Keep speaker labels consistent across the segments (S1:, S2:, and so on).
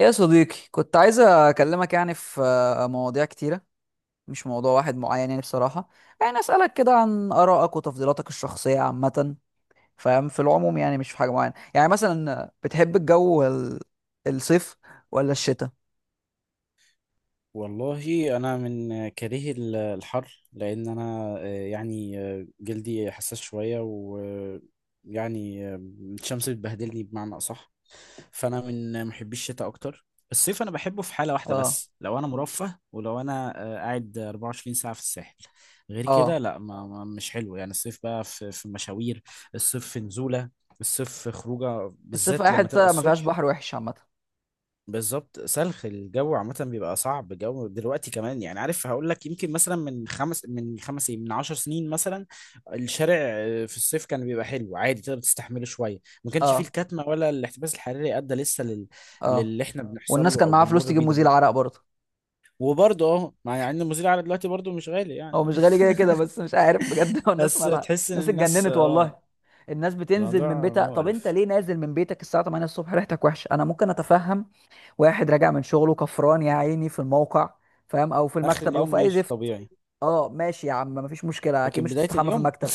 S1: يا صديقي، كنت عايز اكلمك يعني في مواضيع كتيرة. مش موضوع واحد معين يعني بصراحة. يعني اسألك كده عن آرائك وتفضيلاتك الشخصية عامة، فاهم؟ في العموم يعني، مش في حاجة معينة، يعني مثلا بتحب الجو الصيف ولا الشتاء؟
S2: والله انا من كارهي الحر لان انا يعني جلدي حساس شويه ويعني الشمس بتبهدلني بمعنى اصح. فانا من محبي الشتاء اكتر. الصيف انا بحبه في حاله واحده
S1: اه،
S2: بس لو انا مرفه ولو انا قاعد 24 ساعه في الساحل. غير كده
S1: اه.
S2: لا، مش حلو يعني الصيف بقى في مشاوير. الصيف في نزوله، الصيف في خروجه
S1: الصيف
S2: بالذات
S1: اي
S2: لما تبقى
S1: حتة ما فيهاش
S2: الصبح.
S1: بحر وحش عامة.
S2: بالظبط، سلخ الجو عامة بيبقى صعب. جو دلوقتي كمان يعني، عارف هقول لك، يمكن مثلا من خمس من خمس إيه، من عشر سنين مثلا، الشارع في الصيف كان بيبقى حلو عادي تقدر تستحمله شوية. ما كانش فيه
S1: اه،
S2: الكتمة ولا الاحتباس الحراري أدى لسه
S1: اه.
S2: للي احنا بنحصل
S1: والناس
S2: له
S1: كان
S2: أو
S1: معاها فلوس
S2: بنمر
S1: تجيب
S2: بيه
S1: مزيل
S2: دلوقتي.
S1: عرق برضه.
S2: وبرضه مع إن المزيل على دلوقتي برضه مش غالي
S1: هو
S2: يعني.
S1: مش غالي كده كده، بس مش عارف بجد هو الناس
S2: بس
S1: مالها؟
S2: تحس إن
S1: الناس
S2: الناس
S1: اتجننت والله.
S2: اه
S1: الناس بتنزل من
S2: الموضوع
S1: بيتها، طب انت
S2: مقرف.
S1: ليه نازل من بيتك الساعه 8 الصبح ريحتك وحشه؟ انا ممكن اتفهم واحد راجع من شغله كفران يا عيني في الموقع، فاهم؟ او في
S2: آخر
S1: المكتب او
S2: اليوم
S1: في اي
S2: ماشي
S1: زفت.
S2: طبيعي،
S1: اه ماشي يا عم، مفيش مشكله، اكيد
S2: لكن
S1: مش
S2: بداية
S1: هتستحمى في
S2: اليوم.
S1: المكتب.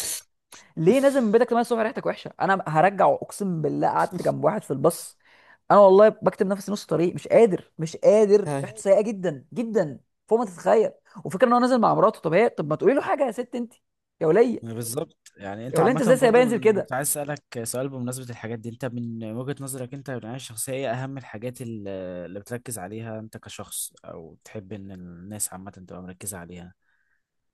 S1: ليه نازل من بيتك 8 الصبح ريحتك وحشه؟ انا هرجع اقسم بالله، قعدت جنب واحد في الباص. انا والله بكتب نفسي نص طريق، مش قادر، مش قادر، ريحته سيئه جدا جدا، فوق ما تتخيل. وفكره ان هو نازل مع مراته، طب هي طب ما تقولي له حاجه؟ يا ست انت، يا وليه.
S2: بالظبط. يعني
S1: يا
S2: انت
S1: وليه، انت ازاي
S2: عامة
S1: سايباه
S2: برضو،
S1: ينزل
S2: من
S1: كده؟
S2: كنت عايز اسألك سؤال بمناسبة الحاجات دي، انت من وجهة نظرك انت من العناية الشخصية، ايه اهم الحاجات اللي بتركز عليها انت كشخص، او تحب ان الناس عامة تبقى مركزة عليها؟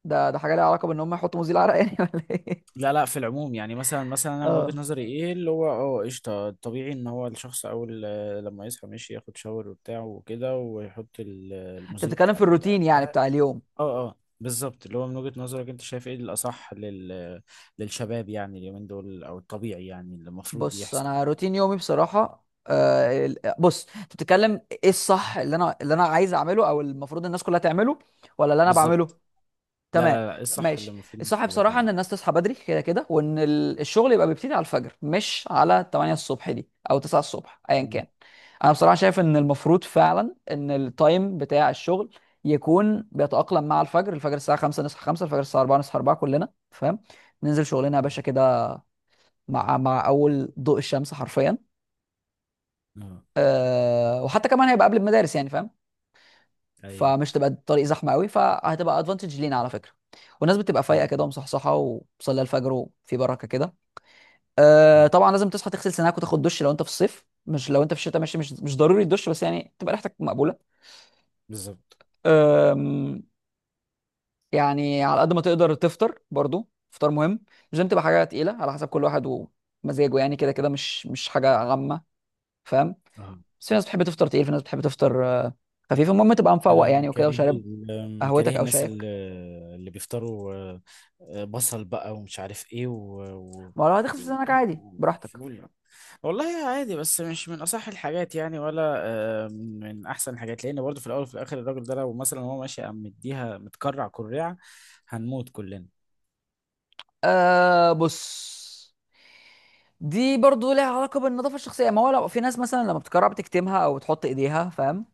S1: ده حاجه ليها علاقه بان هم يحطوا مزيل عرق يعني ولا ايه؟
S2: لا لا، في العموم يعني مثلا انا من وجهة
S1: اه،
S2: نظري ايه اللي هو، قشطة، طبيعي ان هو الشخص اول لما يصحى ماشي ياخد شاور وبتاع وكده ويحط
S1: انت
S2: المذيب
S1: بتتكلم في
S2: بتاع
S1: الروتين يعني
S2: عارف.
S1: بتاع اليوم.
S2: اه، اه بالظبط، اللي هو من وجهة نظرك انت شايف ايه الاصح للشباب يعني اليومين دول، او الطبيعي يعني اللي المفروض
S1: بص،
S2: يحصل
S1: انا
S2: يعني.
S1: روتين يومي بصراحه، بص انت بتتكلم ايه الصح؟ اللي انا عايز اعمله، او المفروض الناس كلها تعمله، ولا اللي انا بعمله؟
S2: بالظبط. لا
S1: تمام،
S2: لا لا، ايه الصح اللي
S1: ماشي.
S2: المفروض الناس
S1: الصح
S2: كلها
S1: بصراحة إن
S2: تعمل.
S1: الناس تصحى بدري كده كده، وإن الشغل يبقى بيبتدي على الفجر، مش على 8 الصبح دي أو 9 الصبح أيا
S2: مم.
S1: كان. أنا بصراحة شايف إن المفروض فعلا إن التايم بتاع الشغل يكون بيتأقلم مع الفجر. الفجر الساعة 5، نصحى 5، الفجر الساعة 4، نصحى 4، كلنا فاهم. ننزل شغلنا يا
S2: مم.
S1: باشا كده، مع أول ضوء الشمس حرفيا.
S2: اه.
S1: وحتى كمان هيبقى قبل المدارس يعني، فاهم؟
S2: ايوه.
S1: فمش تبقى الطريق زحمه قوي، فهتبقى ادفانتج لينا على فكره. والناس بتبقى فايقه كده
S2: مم.
S1: ومصحصحه، وبتصلي الفجر وفي بركه كده. أه
S2: مم.
S1: طبعا لازم تصحى، تغسل سنانك وتاخد دش لو انت في الصيف. مش لو انت في الشتاء، ماشي، مش ضروري الدش، بس يعني تبقى ريحتك مقبوله.
S2: بالظبط.
S1: أم، يعني على قد ما تقدر تفطر برضو، فطار مهم. مش لازم تبقى حاجه تقيله، على حسب كل واحد ومزاجه يعني. كده كده مش حاجه غامه، فاهم؟
S2: اه.
S1: بس في ناس بتحب تفطر تقيل، في ناس بتحب تفطر خفيف. المهم تبقى
S2: انا
S1: مفوق يعني، وكده، وشارب
S2: من كاره
S1: قهوتك او
S2: الناس
S1: شايك.
S2: اللي بيفطروا بصل بقى ومش عارف ايه،
S1: ما لو هتغسل سنانك
S2: يعني
S1: عادي براحتك.
S2: فول. والله عادي، بس مش من اصح الحاجات يعني ولا من احسن الحاجات، لان برضه في الاول وفي الاخر الراجل ده لو مثلا هو ماشي قام مديها متكرع كريعه هنموت كلنا.
S1: آه بص، دي برضو لها علاقة بالنظافة الشخصية. ما هو لو في ناس مثلا لما بتكرر بتكتمها أو بتحط إيديها، فاهم؟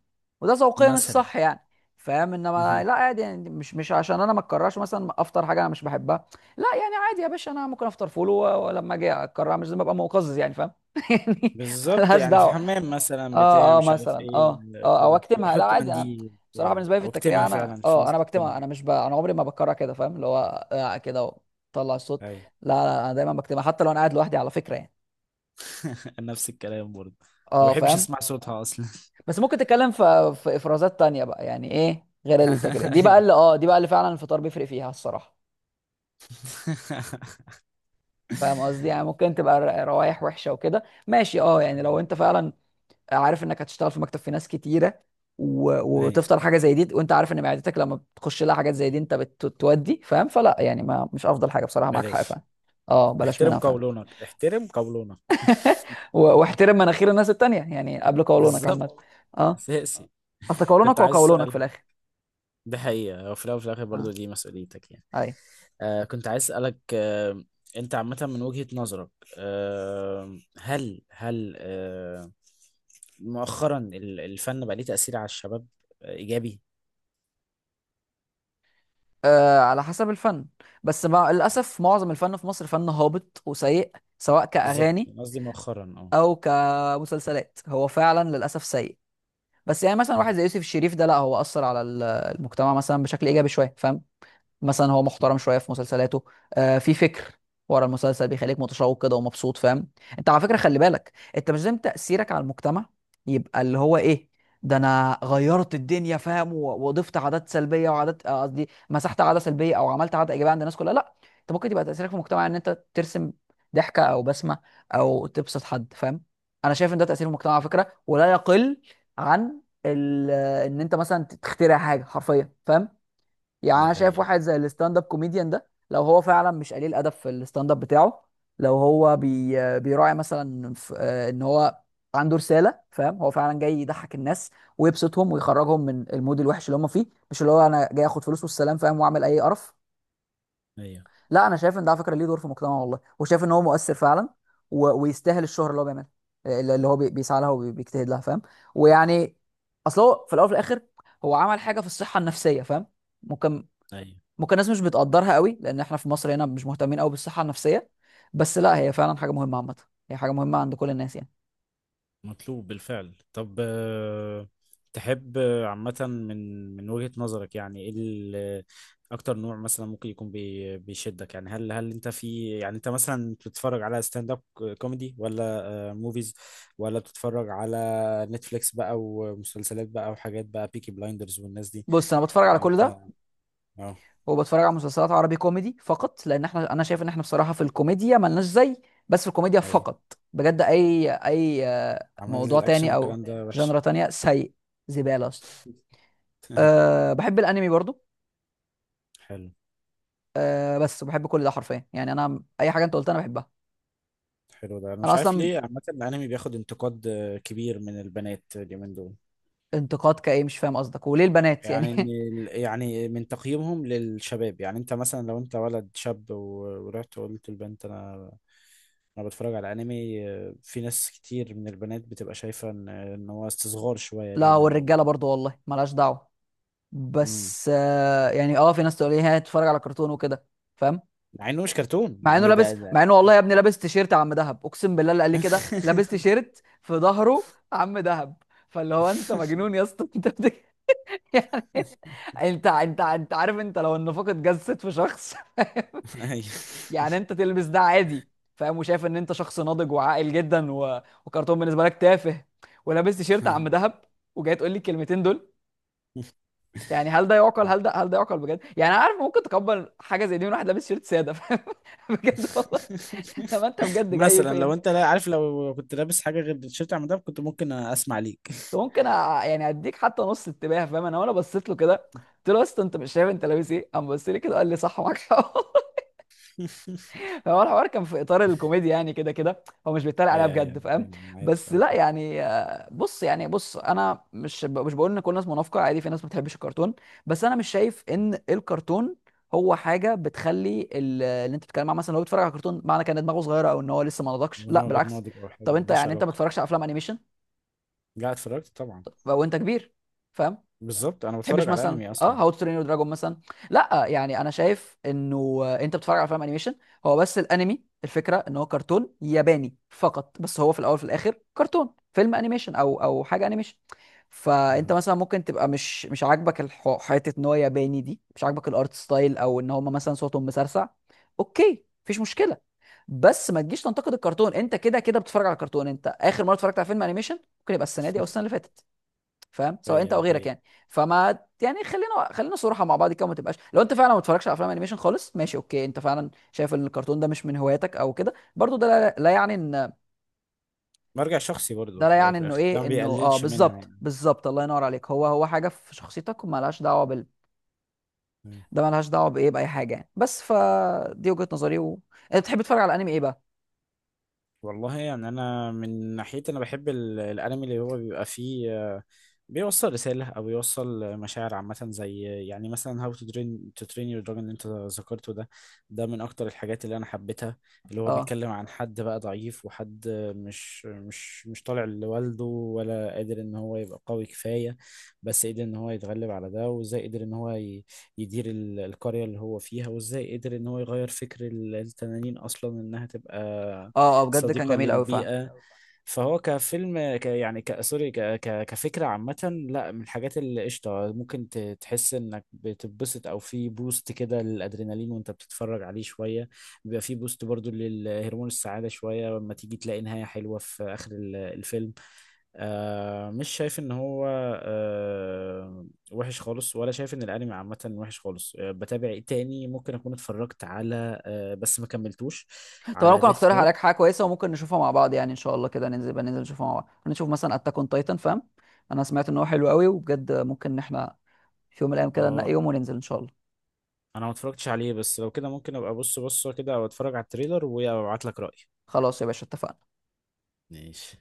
S1: وده ذوقيا
S2: مثلا.
S1: الصح يعني، فاهم؟ انما لا عادي يعني، مش عشان انا ما اتكررش، مثلا افطر حاجه انا مش بحبها، لا يعني. عادي يا باشا، انا ممكن افطر فول ولما اجي اكررها مش لازم ابقى مقزز يعني، فاهم؟ يعني
S2: بالظبط،
S1: ملهاش
S2: يعني في
S1: دعوه.
S2: الحمام مثلا بتاع
S1: اه اه
S2: مش عارف
S1: مثلا،
S2: ايه،
S1: اه اه او
S2: كده لو
S1: اكتمها. لا
S2: احط
S1: عادي انا،
S2: منديل
S1: بصراحه
S2: بتاع
S1: بالنسبه لي في
S2: او
S1: التكريع،
S2: اكتمها،
S1: انا
S2: فعلا في
S1: اه
S2: ناس
S1: انا بكتمها.
S2: بتكتمها.
S1: انا مش ب... انا عمري ما بكرر كده، فاهم؟ اللي هو آه كده وطلع الصوت.
S2: اي.
S1: لا لا انا دايما بكتمها، حتى لو انا قاعد لوحدي على فكره يعني.
S2: نفس الكلام برضه، ما
S1: اه
S2: بحبش
S1: فاهم.
S2: اسمع صوتها اصلا.
S1: بس ممكن تتكلم في افرازات تانية بقى يعني، ايه غير التكريع دي بقى؟
S2: أي.
S1: اللي اه دي بقى اللي فعلا الفطار بيفرق فيها الصراحه. فاهم قصدي؟ يعني ممكن تبقى روايح وحشه وكده، ماشي. اه يعني لو انت فعلا عارف انك هتشتغل في مكتب في ناس كتيره،
S2: أي.
S1: وتفطر حاجه زي دي، وانت عارف ان معدتك لما بتخش لها حاجات زي دي انت بتودي، فاهم؟ فلا يعني، ما مش افضل حاجه بصراحه، معاك حق
S2: بلاش.
S1: فاهم. اه بلاش
S2: احترم
S1: منها، فاهم؟
S2: قولونك، احترم قولونك.
S1: واحترم مناخير الناس التانيه يعني، قبل قولونك عامه.
S2: بالظبط.
S1: اه.
S2: اساسي.
S1: اصل قولونك
S2: كنت
S1: هو
S2: عايز
S1: قولونك في
S2: اسالك،
S1: الاخر.
S2: دي حقيقه هو في الاول وفي الاخر
S1: اه،
S2: برضه دي مسؤوليتك يعني.
S1: اي.
S2: كنت عايز اسالك، انت عامه من وجهه نظرك، هل مؤخرا الفن بقى ليه تاثير على الشباب ايجابي؟
S1: آه على حسب الفن، بس للاسف معظم الفن في مصر فن هابط وسيء، سواء
S2: بالظبط
S1: كاغاني
S2: قصدي مؤخرا. اه
S1: او كمسلسلات. هو فعلا للاسف سيء. بس يعني مثلا واحد زي يوسف الشريف ده، لا هو اثر على المجتمع مثلا بشكل ايجابي شويه، فاهم؟ مثلا هو محترم
S2: مم.
S1: شويه في مسلسلاته، آه في فكر ورا المسلسل، بيخليك متشوق كده ومبسوط، فاهم؟ انت على فكره خلي بالك، انت مش لازم تاثيرك على المجتمع يبقى اللي هو ايه، ده انا غيرت الدنيا، فاهم؟ وضفت عادات سلبيه وعادات قصدي مسحت عاده سلبيه او عملت عاده ايجابيه عند الناس كلها، لا. انت ممكن تبقى تاثيرك في المجتمع ان انت ترسم ضحكه او بسمه، او تبسط حد، فاهم؟ انا شايف ان ده تاثير المجتمع على فكره، ولا يقل عن ان انت مثلا تخترع حاجه حرفيا، فاهم؟ يعني
S2: دي
S1: انا شايف
S2: حقيقة.
S1: واحد زي الستاند اب كوميديان ده، لو هو فعلا مش قليل ادب في الستاند اب بتاعه، لو هو بيراعي مثلا ان هو عنده رساله، فاهم؟ هو فعلا جاي يضحك الناس ويبسطهم ويخرجهم من المود الوحش اللي هم فيه، مش اللي هو انا جاي اخد فلوس والسلام، فاهم؟ واعمل اي قرف.
S2: أيوة.
S1: لا انا شايف ان ده على فكره ليه دور في المجتمع والله، وشايف ان هو مؤثر فعلا، ويستاهل الشهره اللي هو بيعملها، اللي هو بيسعى لها وبيجتهد لها، فاهم؟ ويعني، اصل هو في الاول وفي الاخر هو عمل حاجه في الصحه النفسيه، فاهم؟ ممكن
S2: أيوة،
S1: ممكن الناس مش بتقدرها قوي لان احنا في مصر هنا مش مهتمين قوي بالصحه النفسيه، بس لا هي فعلا حاجه مهمه عامه. هي حاجه مهمه عند كل الناس يعني.
S2: مطلوب بالفعل. طب تحب عامة، من وجهة نظرك يعني إيه أكتر نوع مثلا ممكن يكون بيشدك، يعني هل أنت في، يعني أنت مثلا بتتفرج على ستاند أب كوميدي، ولا موفيز، ولا بتتفرج على نتفليكس بقى ومسلسلات بقى وحاجات بقى بيكي بلايندرز والناس دي؟
S1: بص انا بتفرج على
S2: يعني
S1: كل
S2: أنت؟
S1: ده،
S2: أه.
S1: وبتفرج على مسلسلات عربي كوميدي فقط، لان احنا، انا شايف ان احنا بصراحه في الكوميديا ملناش زي، بس في الكوميديا
S2: أيوة.
S1: فقط. بجد اي اي
S2: عمل
S1: موضوع
S2: الأكشن
S1: تاني او
S2: والكلام ده
S1: جنرا
S2: وحش.
S1: تانية سيء، زباله اصلا. أه بحب الانمي برضو.
S2: حلو.
S1: أه بس بحب كل ده حرفيا يعني، انا اي حاجه انت قلتها انا بحبها.
S2: حلو، ده انا
S1: انا
S2: مش عارف
S1: اصلا
S2: ليه عامه الانمي بياخد انتقاد كبير من البنات اليومين دول.
S1: انتقاد كايه؟ مش فاهم قصدك، وليه البنات يعني؟
S2: يعني إن يعني من تقييمهم للشباب، يعني انت مثلا لو انت ولد شاب ورحت وقلت للبنت انا بتفرج على انمي، في ناس كتير من البنات بتبقى شايفه ان هو استصغار شويه
S1: لا
S2: لينا او.
S1: والرجاله برضو والله، ملهاش دعوه.
S2: امم
S1: بس آه يعني، اه في ناس تقول ايه، هتتفرج على كرتون وكده، فاهم؟
S2: مع انه مش كرتون
S1: مع انه،
S2: يعني ده
S1: لابس
S2: ده
S1: مع انه والله يا ابني لابس تيشيرت عم دهب، اقسم بالله، اللي قال لي كده لابس تيشيرت في ظهره عم دهب. فاللي هو انت مجنون يا اسطى! يعني انت عارف، انت لو النفاق اتجسد في شخص،
S2: ايوه.
S1: يعني انت تلبس ده عادي، فاهم؟ وشايف ان انت شخص ناضج وعاقل جدا، وكرتون بالنسبه لك تافه، ولابس تيشيرت عم دهب، وجاي تقول لي الكلمتين دول؟ يعني هل ده يعقل؟ هل ده يعقل بجد يعني؟ انا عارف ممكن تقبل حاجه زي دي من واحد لابس شيرت ساده، فاهم؟ بجد والله، لما انت بجد جاي
S2: مثلا لو
S1: فين؟
S2: انت، لا عارف، لو كنت لابس حاجه غير التيشيرت عم ده كنت ممكن اسمع ليك.
S1: يعني اديك حتى نص انتباه، فاهم؟ انا وانا بصيت له كده قلت له يا اسطى، انت مش شايف انت لابس ايه؟ قام بص لي كده قال لي صح، معاك حق. هو الحوار كان في اطار الكوميديا يعني، كده كده هو مش بيتريق عليها
S2: اي اي،
S1: بجد،
S2: أنا
S1: فاهم؟
S2: فاهم، أنا عارف.
S1: بس
S2: اه
S1: لا
S2: اه.
S1: يعني، بص يعني، بص انا مش بقول ان كل الناس منافقه، عادي في ناس ما بتحبش الكرتون. بس انا مش شايف ان الكرتون هو حاجه بتخلي اللي انت بتتكلم عنه مثلا لو بيتفرج على كرتون معنى كان دماغه صغيره او ان هو لسه ما نضجش،
S2: من
S1: لا
S2: هو غير
S1: بالعكس.
S2: ناضج، او حاجه
S1: طب انت
S2: ملهاش
S1: يعني انت ما
S2: علاقه.
S1: بتتفرجش على افلام انيميشن
S2: لا، اتفرجت طبعا.
S1: وانت كبير، فاهم؟
S2: بالظبط انا
S1: تحبش
S2: بتفرج على
S1: مثلا
S2: انمي
S1: اه
S2: اصلا.
S1: هاو تو ترين يور دراجون مثلا؟ لا يعني انا شايف انه انت بتتفرج على فيلم انيميشن. هو بس الانمي، الفكره ان هو كرتون ياباني فقط، بس هو في الاول في الاخر كرتون، فيلم انيميشن او او حاجه انيميشن. فانت مثلا ممكن تبقى مش عاجبك حته ان هو ياباني دي، مش عاجبك الارت ستايل، او ان هم مثلا صوتهم مسرسع، اوكي مفيش مشكله. بس ما تجيش تنتقد الكرتون، انت كده كده بتتفرج على كرتون، انت اخر مره اتفرجت على فيلم انيميشن ممكن يبقى السنه دي او السنه اللي فاتت، فاهم؟ سواء انت
S2: هي
S1: او
S2: ده
S1: غيرك
S2: حقيقي،
S1: يعني. فما يعني، خلينا صراحه مع بعض كده، وما تبقاش، لو انت فعلا ما بتتفرجش على افلام انيميشن خالص، ماشي اوكي، انت فعلا شايف ان الكرتون ده مش من هواياتك او كده، برضو ده لا يعني ان،
S2: مرجع شخصي برضه،
S1: ده لا
S2: في الاول
S1: يعني
S2: وفي
S1: انه
S2: الاخر ده
S1: ايه،
S2: ما
S1: انه اه،
S2: بيقللش منها
S1: بالظبط بالظبط الله ينور عليك، هو هو حاجه في شخصيتك ومالهاش دعوه بال،
S2: يعني.
S1: ده مالهاش دعوه بايه، باي حاجه يعني. بس فدي وجهه نظري انت بتحب تتفرج على انمي ايه بقى؟
S2: والله يعني، انا من ناحيتي انا بحب الانمي اللي هو بيبقى فيه، بيوصل رسالة او بيوصل مشاعر عامة، زي يعني مثلا How to Train to Train Your Dragon اللي انت ذكرته ده. ده من اكتر الحاجات اللي انا حبيتها. اللي هو
S1: اه
S2: بيتكلم عن حد بقى ضعيف، وحد مش طالع لوالده ولا قادر ان هو يبقى قوي كفاية. بس قدر ان هو يتغلب على ده، وازاي قدر ان هو يدير القرية اللي هو فيها، وازاي قدر ان هو يغير فكر التنانين اصلا انها تبقى
S1: اه اه بجد كان
S2: صديقة
S1: جميل قوي فعلا.
S2: للبيئة. فهو كفيلم، يعني سوري، ك ك كفكرة عامة، لا من الحاجات اللي قشطة ممكن تحس انك بتتبسط، او في بوست كده للادرينالين وانت بتتفرج عليه شوية. بيبقى في بوست برضو للهرمون السعادة شوية لما تيجي تلاقي نهاية حلوة في اخر الفيلم. مش شايف ان هو وحش خالص، ولا شايف ان الانمي عامة وحش خالص. بتابع إيه تاني ممكن اكون اتفرجت على، بس ما كملتوش،
S1: طب انا
S2: على
S1: ممكن
S2: ديث.
S1: اقترح عليك حاجه كويسه وممكن نشوفها مع بعض يعني، ان شاء الله كده ننزل بقى، ننزل نشوفها مع بعض، ممكن نشوف مثلا اتاك اون تايتن، فاهم؟ انا سمعت ان هو حلو قوي، وبجد ممكن ان احنا في يوم من الايام كده ننقي
S2: اه،
S1: يوم وننزل ان شاء الله.
S2: انا ما اتفرجتش عليه، بس لو كده ممكن ابقى ابص بصه كده او اتفرج على التريلر وابعت لك رأيي.
S1: خلاص يا باشا اتفقنا.
S2: ماشي.